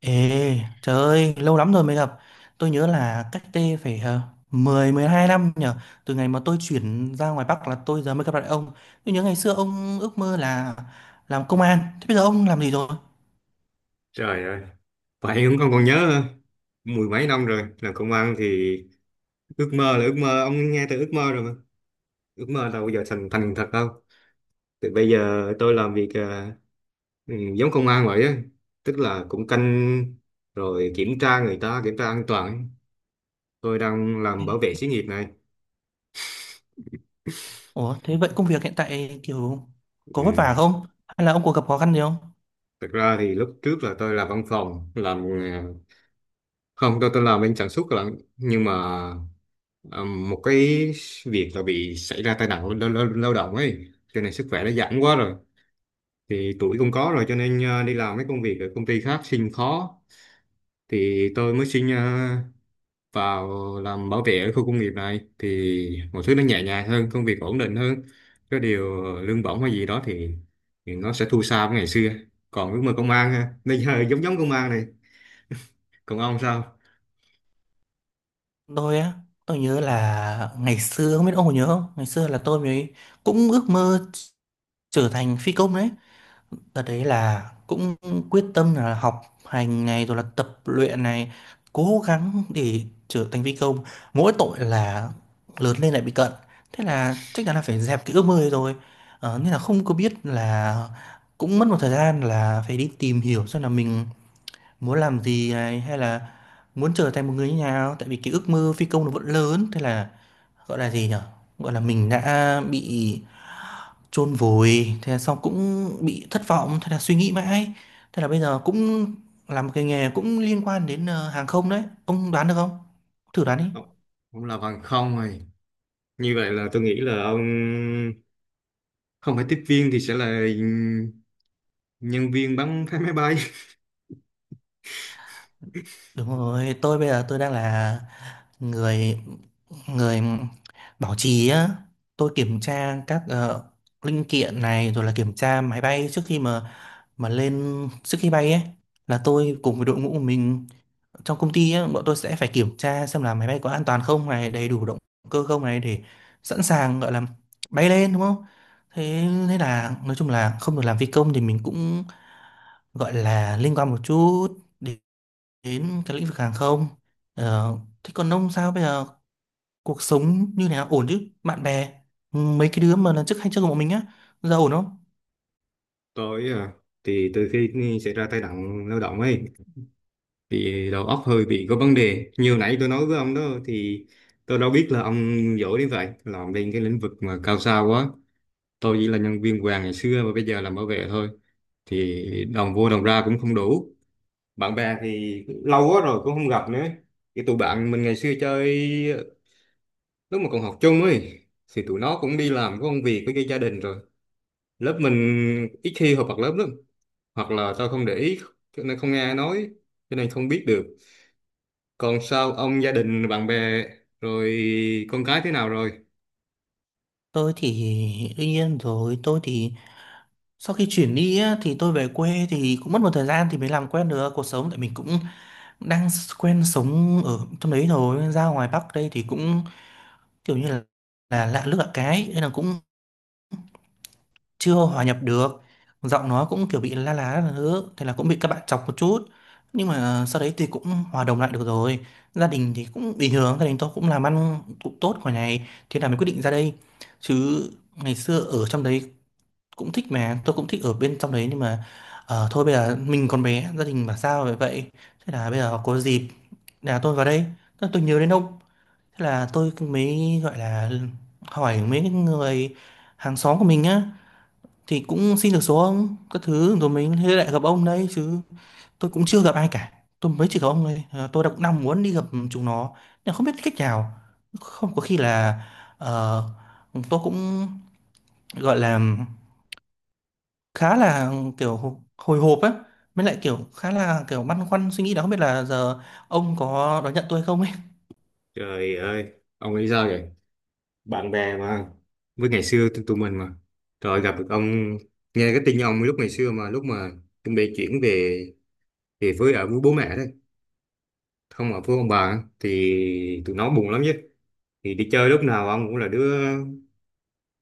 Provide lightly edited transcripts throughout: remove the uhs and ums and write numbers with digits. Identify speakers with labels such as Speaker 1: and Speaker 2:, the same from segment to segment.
Speaker 1: Ê, trời ơi, lâu lắm rồi mới gặp. Tôi nhớ là cách đây phải 10 12 năm nhở. Từ ngày mà tôi chuyển ra ngoài Bắc là tôi giờ mới gặp lại ông. Tôi nhớ ngày xưa ông ước mơ là làm công an. Thế bây giờ ông làm gì rồi?
Speaker 2: Trời ơi, vậy cũng con còn nhớ hả? Mười mấy năm rồi làm công an thì ước mơ là ước mơ, ông nghe từ ước mơ rồi mà ước mơ đâu bao giờ thành thành thật đâu. Thì bây giờ tôi làm việc giống công an vậy á, tức là cũng canh rồi kiểm tra, người ta kiểm tra an toàn. Tôi đang làm bảo vệ xí nghiệp này.
Speaker 1: Ủa, thế vậy công việc hiện tại kiểu có vất
Speaker 2: Ừ.
Speaker 1: vả không? Hay là ông có gặp khó khăn gì không?
Speaker 2: Thực ra thì lúc trước là tôi làm văn phòng, làm không, tôi làm bên sản xuất lận, nhưng mà ờ, một cái việc là bị xảy ra tai nạn lao động ấy, cho nên sức khỏe nó giảm quá rồi. Thì tuổi cũng có rồi, cho nên đi làm mấy công việc ở công ty khác xin khó, thì tôi mới xin vào làm bảo vệ ở khu công nghiệp này, thì mọi thứ nó nhẹ nhàng hơn, công việc ổn định hơn. Cái điều lương bổng hay gì đó thì nó sẽ thua xa với ngày xưa. Còn ước mơ công an ha, bây giờ giống giống công an này. Còn ông sao?
Speaker 1: Tôi á, tôi nhớ là ngày xưa, không biết ông có nhớ không? Ngày xưa là tôi mới cũng ước mơ trở thành phi công đấy. Đợt đấy là cũng quyết tâm là học hành này rồi là tập luyện này, cố gắng để trở thành phi công, mỗi tội là lớn lên lại bị cận, thế là chắc chắn là phải dẹp cái ước mơ ấy rồi. Nên là không có biết là cũng mất một thời gian là phải đi tìm hiểu xem là mình muốn làm gì này, hay là muốn trở thành một người như nào, tại vì cái ước mơ phi công nó vẫn lớn. Thế là gọi là gì nhở, gọi là mình đã bị chôn vùi, thế là xong, cũng bị thất vọng, thế là suy nghĩ mãi. Thế là bây giờ cũng làm một cái nghề cũng liên quan đến hàng không đấy, ông đoán được không, thử đoán đi.
Speaker 2: Ông ông làm hàng không rồi, như vậy là tôi nghĩ là ông không phải tiếp viên thì sẽ là nhân viên bắn phá máy bay.
Speaker 1: Đúng rồi, tôi bây giờ tôi đang là người người bảo trì á. Tôi kiểm tra các linh kiện này, rồi là kiểm tra máy bay trước khi mà lên, trước khi bay ấy. Là tôi cùng với đội ngũ của mình trong công ty á, bọn tôi sẽ phải kiểm tra xem là máy bay có an toàn không này, đầy đủ động cơ không này, để sẵn sàng gọi là bay lên, đúng không. Thế thế là nói chung là không được làm phi công thì mình cũng gọi là liên quan một chút đến, đến cái lĩnh vực hàng không. ờ, Thế còn ông sao bây giờ, cuộc sống như nào, ổn chứ, bạn bè, ừ, mấy cái đứa mà lần trước hay chơi cùng bọn mình á, giờ ổn không?
Speaker 2: Tôi à, thì từ khi xảy ra tai nạn lao động ấy thì đầu óc hơi bị có vấn đề, như nãy tôi nói với ông đó. Thì tôi đâu biết là ông giỏi đến vậy, làm bên cái lĩnh vực mà cao xa quá. Tôi chỉ là nhân viên vàng ngày xưa và bây giờ làm bảo vệ thôi, thì đồng vô đồng ra cũng không đủ. Bạn bè thì lâu quá rồi cũng không gặp nữa. Cái tụi bạn mình ngày xưa chơi lúc mà còn học chung ấy thì tụi nó cũng đi làm, có công việc với cái gia đình rồi. Lớp mình ít khi họp mặt lớp lắm. Hoặc là tao không để ý cho nên không nghe ai nói, cho nên không biết được. Còn sao ông, gia đình bạn bè rồi con cái thế nào rồi?
Speaker 1: Tôi thì đương nhiên rồi, tôi thì sau khi chuyển đi á, thì tôi về quê thì cũng mất một thời gian thì mới làm quen được cuộc sống, tại mình cũng đang quen sống ở trong đấy rồi, nên ra ngoài Bắc đây thì cũng kiểu như là lạ nước lạ cái, nên là cũng chưa hòa nhập được. Giọng nó cũng kiểu bị la lá là thứ, thế là cũng bị các bạn chọc một chút, nhưng mà sau đấy thì cũng hòa đồng lại được rồi. Gia đình thì cũng bình thường, gia đình tôi cũng làm ăn cũng tốt ngoài này, thế là mình quyết định ra đây, chứ ngày xưa ở trong đấy cũng thích, mà tôi cũng thích ở bên trong đấy, nhưng mà ờ, thôi bây giờ mình còn bé, gia đình bảo sao vậy vậy. Thế là bây giờ có dịp là tôi vào đây, tôi nhớ đến ông, thế là tôi mới gọi là hỏi mấy cái người hàng xóm của mình á, thì cũng xin được số ông các thứ, rồi mình thế lại gặp ông đấy chứ. Tôi cũng chưa gặp ai cả, tôi mới chỉ gặp ông thôi. Ờ, tôi đã cũng đang muốn đi gặp chúng nó nhưng không biết cách nào, không có khi là ờ, tôi cũng gọi là khá là kiểu hồi hộp á, mới lại kiểu khá là kiểu băn khoăn suy nghĩ đó, không biết là giờ ông có đón nhận tôi không ấy.
Speaker 2: Trời ơi, ông nghĩ sao vậy? Bạn bè mà, với ngày xưa tụi tụi mình mà. Rồi gặp được ông, nghe cái tin ông lúc ngày xưa mà lúc mà chuẩn bị chuyển về về với ở với bố mẹ đấy, không, ở với ông bà á, thì tụi nó buồn lắm chứ. Thì đi chơi lúc nào ông cũng là đứa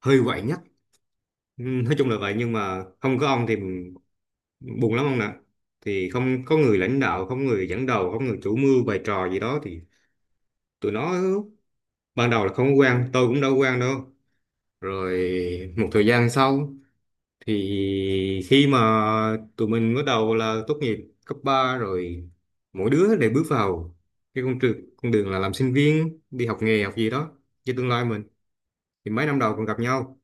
Speaker 2: hơi quậy nhất. Ừ, nói chung là vậy, nhưng mà không có ông thì buồn lắm ông nè. Thì không có người lãnh đạo, không người dẫn đầu, không người chủ mưu bày trò gì đó thì tụi nó ban đầu là không có quan, tôi cũng đâu có quan đâu. Rồi một thời gian sau, thì khi mà tụi mình bắt đầu là tốt nghiệp cấp 3 rồi, mỗi đứa đều bước vào cái con đường là làm sinh viên, đi học nghề, học gì đó cho tương lai mình, thì mấy năm đầu còn gặp nhau.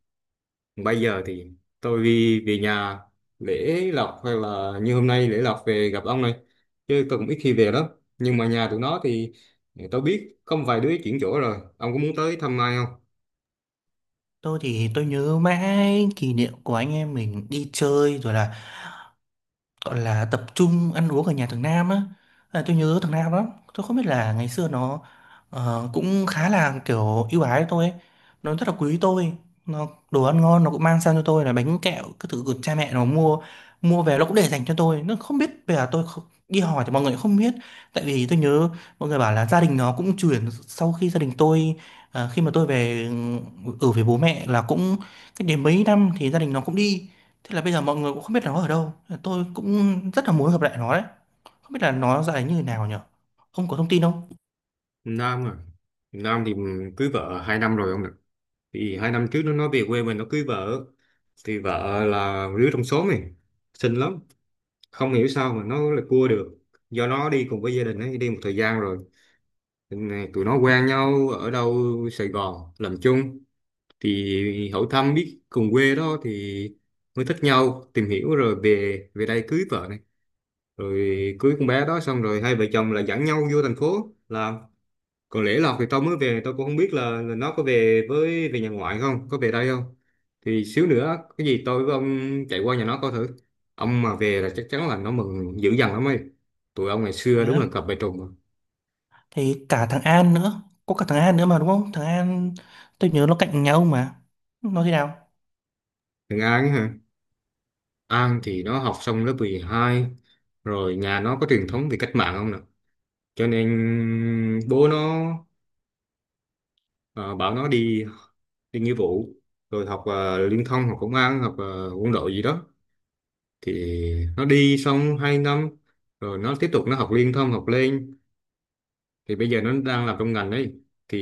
Speaker 2: Bây giờ thì tôi đi về nhà lễ lộc, hay là như hôm nay lễ lộc về gặp ông này, chứ tôi cũng ít khi về lắm. Nhưng mà nhà tụi nó thì tôi biết có một vài đứa chuyển chỗ rồi. Ông có muốn tới thăm ai không?
Speaker 1: Tôi thì tôi nhớ mãi kỷ niệm của anh em mình đi chơi, rồi là gọi là tập trung ăn uống ở nhà thằng Nam á. À, tôi nhớ thằng Nam lắm. Tôi không biết là ngày xưa nó cũng khá là kiểu ưu ái với tôi ấy. Nó rất là quý tôi, nó đồ ăn ngon nó cũng mang sang cho tôi là bánh kẹo cái thứ của cha mẹ nó mua, mua về nó cũng để dành cho tôi. Nó không biết bây giờ tôi không, đi hỏi thì mọi người cũng không biết, tại vì tôi nhớ mọi người bảo là gia đình nó cũng chuyển sau khi gia đình tôi khi mà tôi về, ừ, ở với bố mẹ là cũng cách đến mấy năm thì gia đình nó cũng đi. Thế là bây giờ mọi người cũng không biết là nó ở đâu. Tôi cũng rất là muốn gặp lại nó đấy. Không biết là nó dạy như thế nào nhỉ? Không có thông tin không?
Speaker 2: Nam à, Nam thì cưới vợ 2 năm rồi ông ạ. Thì 2 năm trước nó nói về quê mình nó cưới vợ. Thì vợ là đứa trong xóm này, xinh lắm, không hiểu sao mà nó lại cua được. Do nó đi cùng với gia đình ấy đi một thời gian rồi, nên là tụi nó quen nhau ở đâu Sài Gòn làm chung, thì hỏi thăm biết cùng quê đó, thì mới thích nhau tìm hiểu rồi về, về đây cưới vợ này, rồi cưới con bé đó xong rồi hai vợ chồng là dẫn nhau vô thành phố làm. Còn lễ lộc thì tao mới về, tao cũng không biết là nó có về với về nhà ngoại không, có về đây không. Thì xíu nữa cái gì tôi với ông chạy qua nhà nó coi thử. Ông mà về là chắc chắn là nó mừng dữ dằn lắm ấy. Tụi ông ngày
Speaker 1: Đấy.
Speaker 2: xưa đúng
Speaker 1: Á.
Speaker 2: là cặp vợ chồng mà.
Speaker 1: Thì cả thằng An nữa. Có cả thằng An nữa mà đúng không? Thằng An tôi nhớ nó cạnh nhà ông mà. Nó thế nào?
Speaker 2: Thằng An ấy hả, An thì nó học xong lớp 12 rồi. Nhà nó có truyền thống về cách mạng không nè, cho nên bố nó ờ, bảo nó đi, đi nghĩa vụ, rồi học liên thông, học công an, học quân đội gì đó. Thì nó đi xong 2 năm rồi nó tiếp tục, nó học liên thông, học lên. Thì bây giờ nó đang làm trong ngành đấy. Thì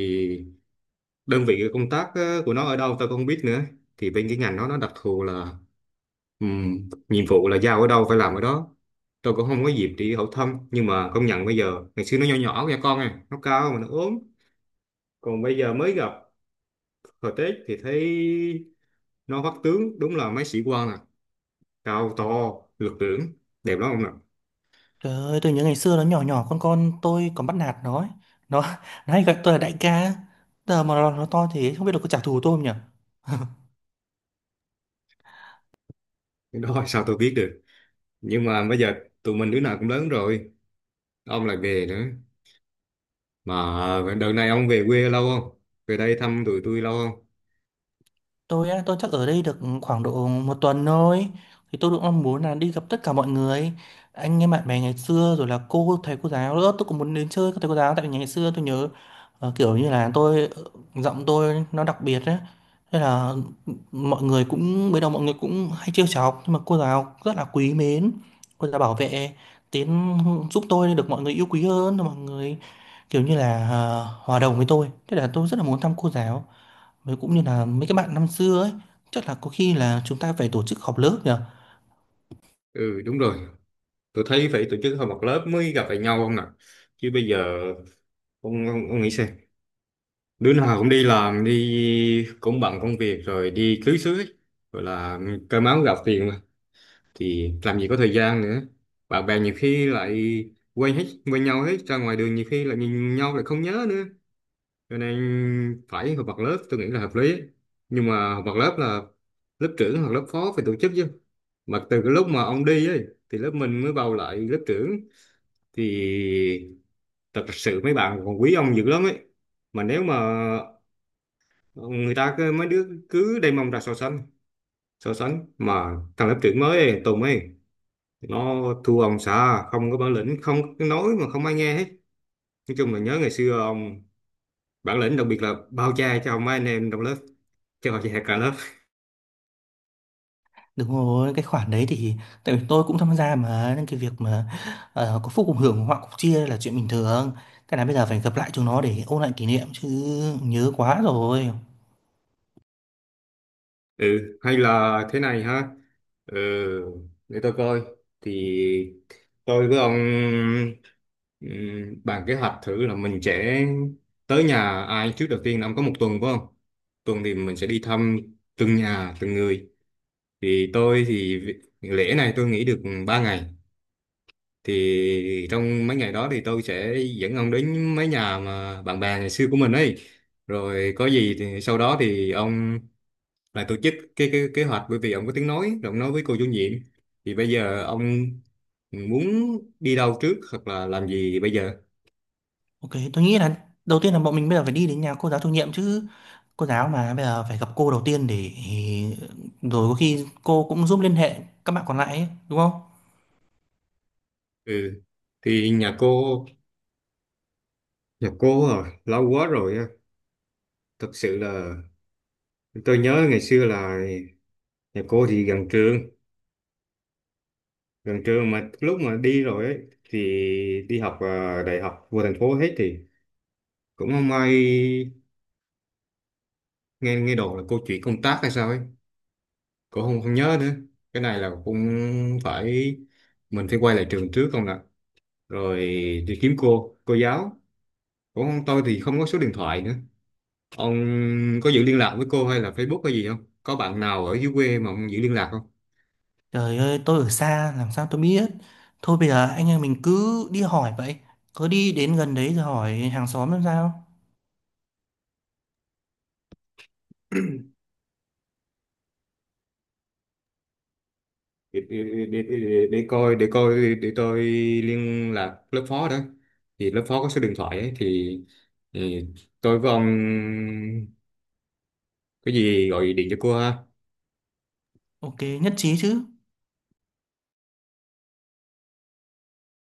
Speaker 2: đơn vị công tác của nó ở đâu tao không biết nữa. Thì bên cái ngành nó đặc thù là nhiệm vụ là giao ở đâu phải làm ở đó. Tôi cũng không có dịp đi hỏi thăm, nhưng mà công nhận bây giờ, ngày xưa nó nhỏ nhỏ nha con à, nó cao mà nó ốm. Còn bây giờ mới gặp, hồi Tết thì thấy nó vắt tướng đúng là mấy sĩ quan nè, cao to, lực lưỡng, đẹp lắm ông nè.
Speaker 1: Trời ơi, tôi nhớ ngày xưa nó nhỏ nhỏ con tôi còn bắt nạt nó ấy. Nó, nó hay gọi tôi là đại ca. Giờ mà nó to thế không biết là có trả thù tôi không nhỉ?
Speaker 2: Cái đó sao tôi biết được. Nhưng mà bây giờ tụi mình đứa nào cũng lớn rồi, ông lại về nữa. Mà đợt này ông về quê lâu không? Về đây thăm tụi tôi lâu không?
Speaker 1: Tôi á, tôi chắc ở đây được khoảng độ một tuần thôi. Thì tôi cũng mong muốn là đi gặp tất cả mọi người, anh em bạn bè ngày xưa, rồi là cô thầy cô giáo nữa. Tôi cũng muốn đến chơi các thầy cô giáo, tại vì ngày xưa tôi nhớ kiểu như là tôi giọng tôi nó đặc biệt á. Thế là mọi người cũng bây đầu mọi người cũng hay trêu chọc, nhưng mà cô giáo rất là quý mến. Cô giáo bảo vệ tiến, giúp tôi được mọi người yêu quý hơn, mọi người kiểu như là hòa đồng với tôi. Thế là tôi rất là muốn thăm cô giáo. Với cũng như là mấy cái bạn năm xưa ấy, chắc là có khi là chúng ta phải tổ chức họp lớp nhờ.
Speaker 2: Ừ đúng rồi, tôi thấy phải tổ chức họp mặt lớp mới gặp lại nhau ông nè. Chứ bây giờ ông, nghĩ xem, đứa nào cũng đi làm, đi cũng bận công việc rồi đi cưới xứ ấy. Gọi là cơm áo gạo tiền thì làm gì có thời gian nữa, bạn bè nhiều khi lại quên hết, quên nhau hết, ra ngoài đường nhiều khi lại nhìn nhau lại không nhớ nữa, cho nên phải họp mặt lớp tôi nghĩ là hợp lý. Nhưng mà họp mặt lớp là lớp trưởng hoặc lớp phó phải tổ chức chứ. Mà từ cái lúc mà ông đi ấy thì lớp mình mới bầu lại lớp trưởng. Thì thật sự mấy bạn còn quý ông dữ lắm ấy. Mà nếu mà người ta cứ, mấy đứa cứ đem mông ra so sánh, mà thằng lớp trưởng mới ấy, Tùng ấy, nó thua ông xã, không có bản lĩnh, không có nói mà không ai nghe hết. Nói chung là nhớ ngày xưa ông bản lĩnh, đặc biệt là bao che cho mấy anh em trong lớp, cho che cả lớp.
Speaker 1: Đúng rồi, cái khoản đấy thì tại vì tôi cũng tham gia mà, nên cái việc mà có phúc cùng hưởng họa cùng chia là chuyện bình thường. Cái này bây giờ phải gặp lại chúng nó để ôn lại kỷ niệm chứ, nhớ quá rồi.
Speaker 2: Ừ hay là thế này ha. Ừ, để tôi coi, thì tôi với ông bàn kế hoạch thử là mình sẽ tới nhà ai trước đầu tiên. Ông có một tuần phải không? Tuần thì mình sẽ đi thăm từng nhà, từng người. Thì tôi thì lễ này tôi nghỉ được 3 ngày, thì trong mấy ngày đó thì tôi sẽ dẫn ông đến mấy nhà mà bạn bè ngày xưa của mình ấy. Rồi có gì thì sau đó thì ông lại tổ chức cái kế hoạch, bởi vì ông có tiếng nói rồi, ông nói với cô chủ nhiệm. Thì bây giờ ông muốn đi đâu trước hoặc là làm gì bây giờ?
Speaker 1: Ok, tôi nghĩ là đầu tiên là bọn mình bây giờ phải đi đến nhà cô giáo chủ nhiệm chứ. Cô giáo mà bây giờ phải gặp cô đầu tiên, để rồi có khi cô cũng giúp liên hệ các bạn còn lại ấy, đúng không?
Speaker 2: Ừ, thì nhà cô à lâu quá rồi á. Thật sự là tôi nhớ ngày xưa là nhà cô thì gần trường, gần trưa mà lúc mà đi rồi ấy, thì đi học, à, đại học vô thành phố hết, thì cũng không may nghe nghe đồn là cô chuyển công tác hay sao ấy, cũng không không nhớ nữa. Cái này là cũng phải, mình phải quay lại trường trước không ạ? Rồi đi kiếm cô giáo, cũng tôi thì không có số điện thoại nữa. Ông có giữ liên lạc với cô hay là Facebook hay gì không? Có bạn nào ở dưới quê mà ông giữ liên lạc không?
Speaker 1: Trời ơi, tôi ở xa làm sao tôi biết. Thôi bây giờ anh em mình cứ đi hỏi vậy. Cứ đi đến gần đấy rồi hỏi hàng xóm làm sao.
Speaker 2: Để coi, để tôi liên lạc lớp phó đó, thì lớp phó có số điện thoại ấy, thì tôi với ông có gì gọi điện cho cô ha.
Speaker 1: Ok, nhất trí chứ.